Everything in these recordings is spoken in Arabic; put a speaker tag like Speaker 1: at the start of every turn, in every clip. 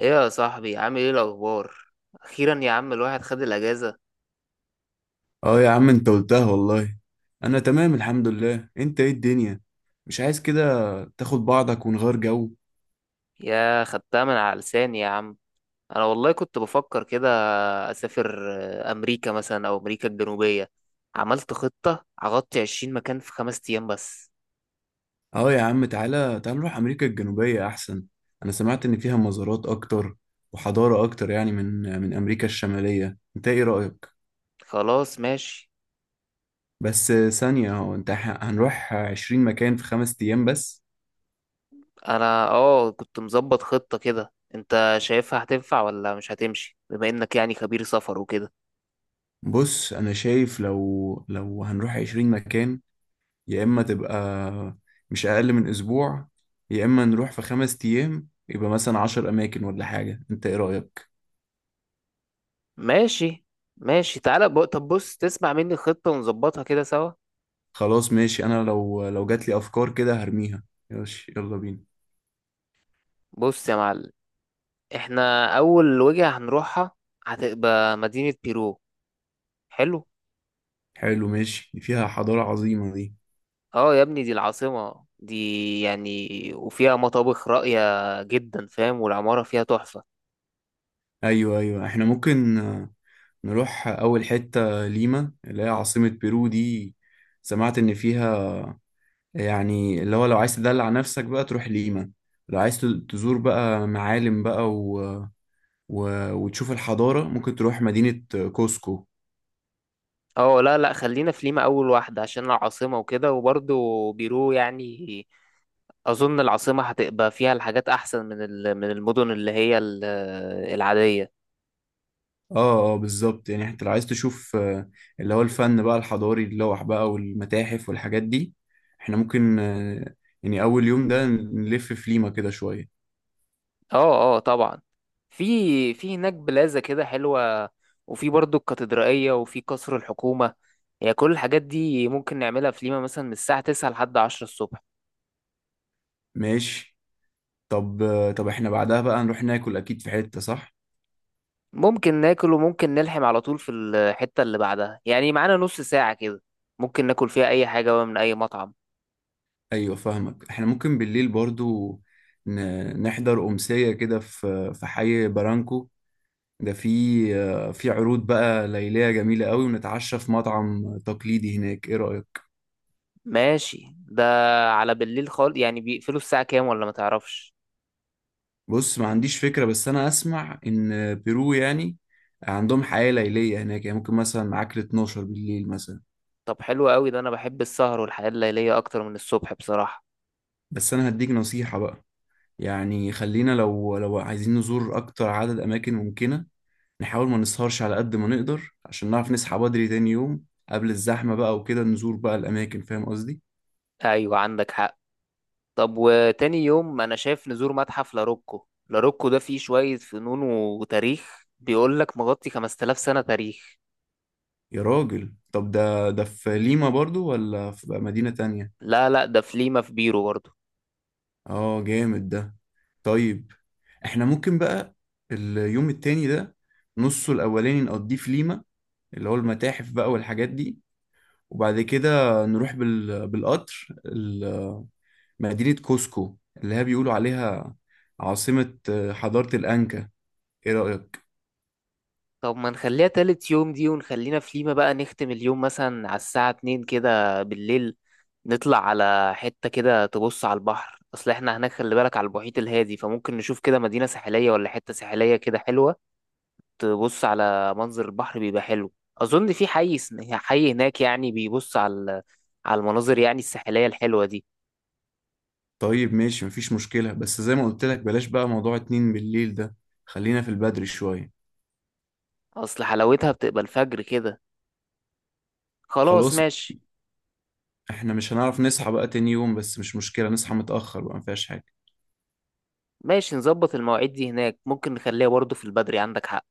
Speaker 1: ايه يا صاحبي، عامل ايه الاخبار؟ اخيرا يا عم الواحد خد الاجازه.
Speaker 2: اه، يا عم انت قلتها والله. انا تمام الحمد لله. انت ايه الدنيا؟ مش عايز كده تاخد بعضك ونغير جو؟
Speaker 1: يا خدتها من على لساني يا عم. انا والله كنت بفكر كده، اسافر امريكا مثلا او امريكا الجنوبيه. عملت خطه هغطي 20 مكان في 5 ايام بس.
Speaker 2: اه، يا عم تعالى تعالى نروح امريكا الجنوبية احسن. انا سمعت ان فيها مزارات اكتر وحضارة اكتر، يعني من امريكا الشمالية. انت ايه رأيك؟
Speaker 1: خلاص ماشي.
Speaker 2: بس ثانية، هو انت هنروح عشرين مكان في خمس ايام بس؟
Speaker 1: انا كنت مظبط خطه كده، انت شايفها هتنفع ولا مش هتمشي بما انك يعني خبير سفر وكده؟
Speaker 2: بص انا شايف لو هنروح عشرين مكان، يا إما تبقى مش أقل من أسبوع، يا إما نروح في خمس أيام يبقى مثلا عشر أماكن ولا حاجة. أنت إيه رأيك؟
Speaker 1: ماشي ماشي، تعالى طب بص، تسمع مني الخطه ونظبطها كده سوا.
Speaker 2: خلاص ماشي. أنا لو جات لي أفكار كده هرميها. ماشي يلا بينا.
Speaker 1: بص يا معلم، احنا اول وجهة هنروحها هتبقى مدينة بيرو. حلو.
Speaker 2: حلو ماشي، دي فيها حضارة عظيمة دي.
Speaker 1: اه يا ابني دي العاصمة دي يعني، وفيها مطابخ راقية جدا فاهم، والعمارة فيها تحفة.
Speaker 2: أيوه أيوه، إحنا ممكن نروح أول حتة ليما اللي هي عاصمة بيرو دي. سمعت إن فيها، يعني اللي هو لو عايز تدلع نفسك بقى تروح ليما، لو عايز تزور بقى معالم بقى وتشوف الحضارة ممكن تروح مدينة كوسكو.
Speaker 1: اه، لا لا، خلينا في ليما اول واحدة عشان العاصمة وكده، وبرضو بيرو يعني اظن العاصمة هتبقى فيها الحاجات احسن من من المدن اللي هي العادية.
Speaker 2: اه اه بالظبط. يعني انت لو عايز تشوف اللي هو الفن بقى الحضاري، اللوح بقى والمتاحف والحاجات دي، احنا ممكن يعني أول يوم ده نلف في ليما كده شوية.
Speaker 1: اه اه، طبعا. في في هناك بلازا كده حلوة، وفي برضو الكاتدرائية، وفي قصر الحكومة. يعني كل الحاجات دي ممكن نعملها في ليما مثلا من الساعة 9 لحد 10 الصبح.
Speaker 2: ماشي. طب احنا بعدها بقى نروح ناكل أكيد في حتة، صح؟
Speaker 1: ممكن ناكل وممكن نلحم على طول في الحتة اللي بعدها، يعني معانا نص ساعة كده، ممكن ناكل فيها أي حاجة بقى من أي مطعم.
Speaker 2: أيوة فاهمك. احنا ممكن بالليل برضو نحضر أمسية كده في حي برانكو. ده في في عروض بقى ليلية جميلة قوي، ونتعشى في مطعم تقليدي هناك. ايه رأيك؟
Speaker 1: ماشي. ده على بالليل خالص، يعني بيقفلوا الساعة كام ولا ما تعرفش؟
Speaker 2: بص ما عنديش فكرة، بس انا اسمع ان بيرو يعني عندهم حياة ليلية هناك، يعني ممكن مثلا معاك ل 12 بالليل مثلا.
Speaker 1: طب حلو قوي ده، أنا بحب السهر والحياة الليلية أكتر من الصبح بصراحة.
Speaker 2: بس انا هديك نصيحة بقى. يعني خلينا لو عايزين نزور اكتر عدد اماكن ممكنة، نحاول ما نسهرش على قد ما نقدر عشان نعرف نصحى بدري تاني يوم قبل الزحمة بقى، وكده نزور بقى الاماكن، فاهم قصدي؟
Speaker 1: أيوة، عندك حق. طب وتاني يوم انا شايف نزور متحف لاروكو، لاروكو ده فيه شوية فنون وتاريخ، بيقول لك مغطي 5000 سنة تاريخ.
Speaker 2: يا راجل، طب ده في ليما برضو ولا في بقى مدينة تانية؟
Speaker 1: لا لا، ده في ليما في بيرو برضه.
Speaker 2: اه جامد ده. طيب احنا ممكن بقى اليوم التاني ده نصه الاولاني نقضيه في ليما، اللي هو المتاحف بقى والحاجات دي، وبعد كده نروح بالقطر مدينة كوسكو اللي هي بيقولوا عليها عاصمة حضارة الأنكا. ايه رأيك؟
Speaker 1: طب ما نخليها تالت يوم دي، ونخلينا في ليما، بقى نختم اليوم مثلا على الساعة 2 كده بالليل. نطلع على حتة كده تبص على البحر، اصل احنا هناك خلي بالك على المحيط الهادي، فممكن نشوف كده مدينة ساحلية ولا حتة ساحلية كده حلوة. تبص على منظر البحر بيبقى حلو، اظن في حي حي هناك يعني بيبص على على المناظر يعني الساحلية الحلوة دي.
Speaker 2: طيب ماشي مفيش مشكلة، بس زي ما قلت لك بلاش بقى موضوع اتنين بالليل ده، خلينا في البدري شوية.
Speaker 1: اصل حلاوتها بتبقى الفجر كده. خلاص
Speaker 2: خلاص.
Speaker 1: ماشي.
Speaker 2: احنا مش هنعرف نصحى بقى تاني يوم، بس مش مشكلة نصحى متأخر بقى مفيهاش حاجة.
Speaker 1: ماشي، نظبط المواعيد دي هناك، ممكن نخليها برضه في البدري، عندك حق.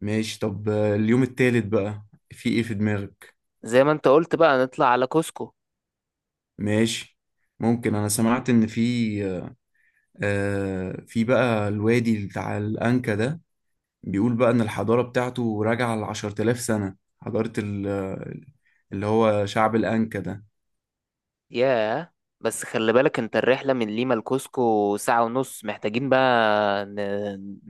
Speaker 2: ماشي. طب اليوم التالت بقى، في ايه في دماغك؟
Speaker 1: زي ما انت قلت بقى نطلع على كوسكو.
Speaker 2: ماشي ممكن. انا سمعت ان في في بقى الوادي بتاع الانكا ده، بيقول بقى ان الحضارة بتاعته راجعة لعشرة آلاف سنة، حضارة اللي هو شعب الانكا ده.
Speaker 1: ياه. بس خلي بالك انت، الرحلة من ليما لكوسكو ساعة ونص محتاجين بقى، ن...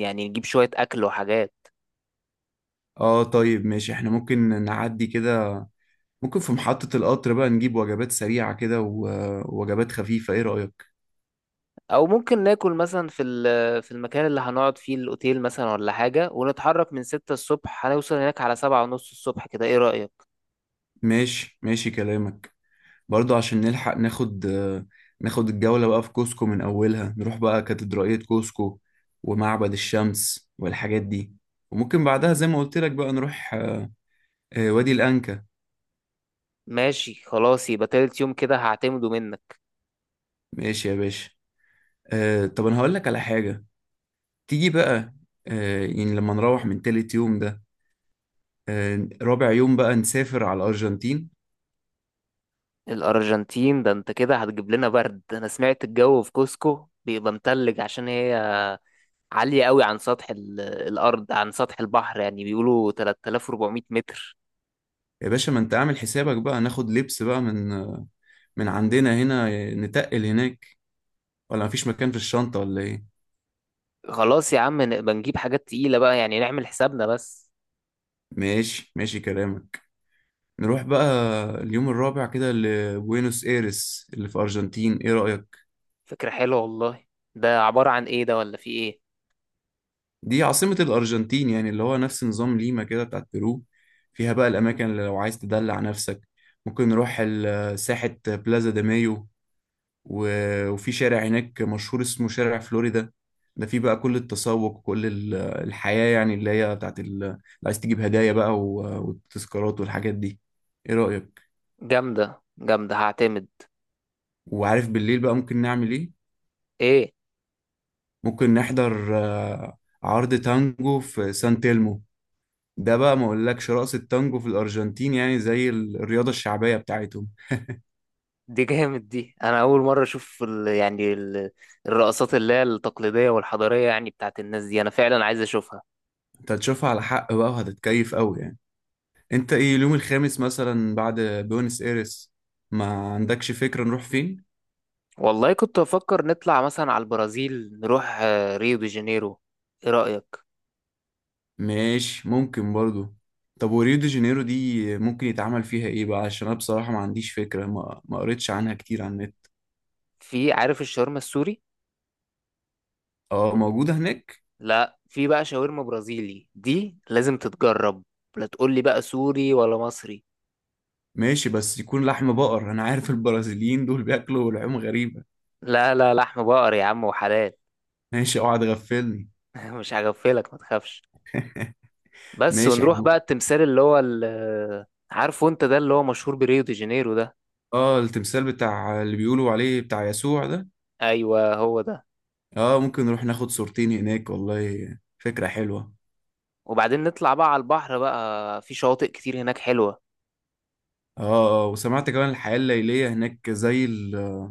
Speaker 1: يعني نجيب شوية أكل وحاجات.
Speaker 2: اه طيب ماشي. احنا ممكن نعدي كده. ممكن في محطة القطر بقى نجيب وجبات سريعة كده ووجبات خفيفة. ايه رأيك؟
Speaker 1: او ممكن ناكل مثلا في في المكان اللي هنقعد فيه الاوتيل مثلا ولا حاجه، ونتحرك من 6 الصبح، هنوصل هناك على 7 ونص الصبح كده، ايه رايك؟
Speaker 2: ماشي ماشي كلامك. برضو عشان نلحق ناخد الجولة بقى في كوسكو من أولها، نروح بقى كاتدرائية كوسكو ومعبد الشمس والحاجات دي، وممكن بعدها زي ما قلت لك بقى نروح وادي الأنكا.
Speaker 1: ماشي، خلاص يبقى تالت يوم كده هعتمده منك.
Speaker 2: ماشي يا باشا. طب أنا هقول لك على حاجة. تيجي بقى يعني لما نروح من تالت يوم ده، رابع يوم بقى نسافر على الأرجنتين.
Speaker 1: الارجنتين ده انت كده هتجيب لنا برد، انا سمعت الجو في كوسكو بيبقى متلج عشان هي عاليه قوي عن سطح الارض، عن سطح البحر، يعني بيقولوا 3400 متر.
Speaker 2: يا باشا، ما أنت عامل حسابك بقى ناخد لبس بقى من من عندنا هنا، نتقل هناك، ولا مفيش مكان في الشنطة ولا إيه؟
Speaker 1: خلاص يا عم نبقى نجيب حاجات تقيله بقى، يعني نعمل حسابنا بس.
Speaker 2: ماشي ماشي كلامك. نروح بقى اليوم الرابع كده لبوينوس ايرس اللي في أرجنتين. ايه رأيك؟
Speaker 1: فكره حلوه والله. ده عباره عن ايه ده، ولا في ايه؟
Speaker 2: دي عاصمة الأرجنتين، يعني اللي هو نفس نظام ليما كده بتاعت بيرو. فيها بقى الأماكن اللي لو عايز تدلع نفسك ممكن نروح ساحة بلازا دي مايو، وفي شارع هناك مشهور اسمه شارع فلوريدا، ده فيه بقى كل التسوق وكل الحياة، يعني اللي هي بتاعت اللي عايز تجيب هدايا بقى والتذكارات والحاجات دي. ايه رأيك؟
Speaker 1: جامدة جامدة، هعتمد.
Speaker 2: وعارف بالليل بقى ممكن نعمل ايه؟
Speaker 1: ايه؟
Speaker 2: ممكن نحضر عرض تانجو في سان تيلمو. ده بقى ما اقولكش، رقص التانجو في الارجنتين يعني زي الرياضة الشعبية بتاعتهم.
Speaker 1: دي جامد دي، انا اول مرة اشوف يعني الرقصات اللي هي التقليدية والحضارية يعني بتاعت الناس دي، انا فعلا عايز اشوفها.
Speaker 2: انت هتشوفها على حق بقى وهتتكيف قوي. يعني انت ايه اليوم الخامس مثلا بعد بيونس ايرس، ما عندكش فكرة نروح فين؟
Speaker 1: والله كنت بفكر نطلع مثلا على البرازيل، نروح ريو دي جانيرو، ايه رأيك؟
Speaker 2: ماشي ممكن برضو. طب وريو دي جانيرو دي ممكن يتعمل فيها ايه بقى؟ عشان انا بصراحة ما عنديش فكرة، ما قريتش عنها كتير على النت.
Speaker 1: في عارف الشاورما السوري.
Speaker 2: اه موجودة هناك.
Speaker 1: لا، في بقى شاورما برازيلي، دي لازم تتجرب. لا تقول لي بقى سوري ولا مصري.
Speaker 2: ماشي، بس يكون لحم بقر، انا عارف البرازيليين دول بياكلوا لحوم غريبة.
Speaker 1: لا لا لحم بقر يا عم وحلال.
Speaker 2: ماشي اوعى تغفلني.
Speaker 1: مش هغفلك ما تخافش. بس
Speaker 2: ماشي.
Speaker 1: ونروح
Speaker 2: احنا
Speaker 1: بقى التمثال اللي هو عارفه انت ده، اللي هو مشهور بريو دي جانيرو ده.
Speaker 2: اه، التمثال بتاع اللي بيقولوا عليه بتاع يسوع ده.
Speaker 1: ايوه هو ده.
Speaker 2: اه ممكن نروح ناخد صورتين هناك والله، فكرة حلوة.
Speaker 1: وبعدين نطلع بقى على البحر، بقى في شواطئ كتير هناك حلوة.
Speaker 2: اه اه، وسمعت كمان الحياة الليلية هناك زي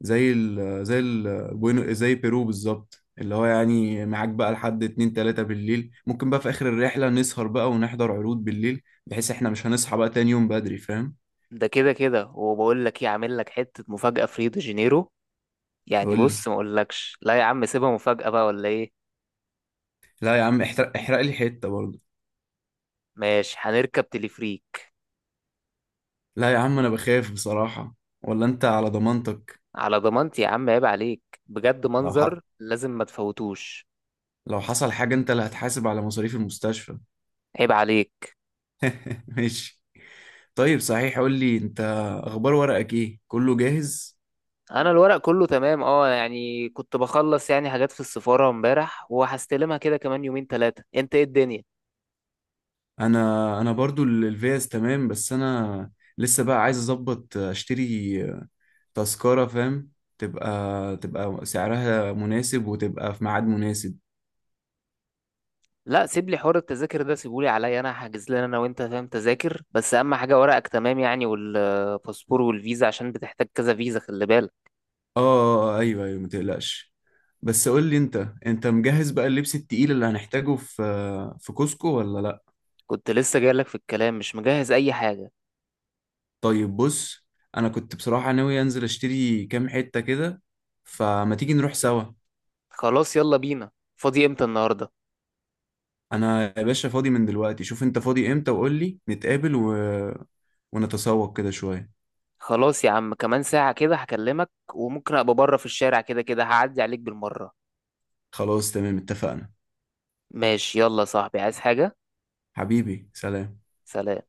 Speaker 2: زي ال زي ال زي بيرو بالظبط، اللي هو يعني معاك بقى لحد اتنين تلاتة بالليل. ممكن بقى في آخر الرحلة نسهر بقى ونحضر عروض بالليل، بحيث احنا مش هنصحى بقى تاني يوم بدري، فاهم.
Speaker 1: ده كده كده، وبقول لك ايه، عامل لك حتة مفاجأة في ريو دي جانيرو. يعني
Speaker 2: قول لي.
Speaker 1: بص، ما اقولكش، لا يا عم سيبها مفاجأة بقى، ولا ايه؟
Speaker 2: لا يا عم احرق احرق لي حتة برضه.
Speaker 1: ماشي، هنركب تليفريك.
Speaker 2: لا يا عم، انا بخاف بصراحة. ولا انت على ضمانتك؟
Speaker 1: على ضمانتي يا عم، عيب عليك بجد،
Speaker 2: لو ح...
Speaker 1: منظر لازم ما تفوتوش.
Speaker 2: لو حصل حاجة انت اللي هتحاسب على مصاريف المستشفى.
Speaker 1: عيب عليك.
Speaker 2: ماشي. طيب صحيح قول لي انت، اخبار ورقك ايه، كله جاهز؟
Speaker 1: انا الورق كله تمام، اه يعني كنت بخلص يعني حاجات في السفارة امبارح، وهستلمها كده كمان يومين ثلاثة. انت ايه الدنيا؟
Speaker 2: انا برضو الفيز تمام، بس انا لسه بقى عايز اظبط اشتري تذكرة، فاهم، تبقى سعرها مناسب وتبقى في ميعاد مناسب.
Speaker 1: لا سيب لي حوار التذاكر ده، سيبولي عليا، انا هحجز لنا انا وانت فاهم تذاكر، بس اهم حاجة ورقك تمام يعني، والباسبور والفيزا عشان بتحتاج كذا فيزا خلي بالك.
Speaker 2: ايوه ايوه متقلقش. بس قول لي انت مجهز بقى اللبس التقيل اللي هنحتاجه في كوسكو ولا لا؟
Speaker 1: كنت لسه جايلك في الكلام، مش مجهز اي حاجة.
Speaker 2: طيب بص، انا كنت بصراحة ناوي انزل اشتري كام حتة كده، فما تيجي نروح سوا.
Speaker 1: خلاص يلا بينا. فاضي امتى النهاردة؟
Speaker 2: انا يا باشا فاضي من دلوقتي. شوف انت فاضي امتى وقول لي نتقابل ونتسوق كده شوية.
Speaker 1: خلاص يا عم، كمان ساعة كده هكلمك، وممكن ابقى بره في الشارع كده كده هعدي عليك بالمرة.
Speaker 2: خلاص تمام اتفقنا.
Speaker 1: ماشي، يلا يا صاحبي، عايز حاجة؟
Speaker 2: حبيبي سلام.
Speaker 1: سلام.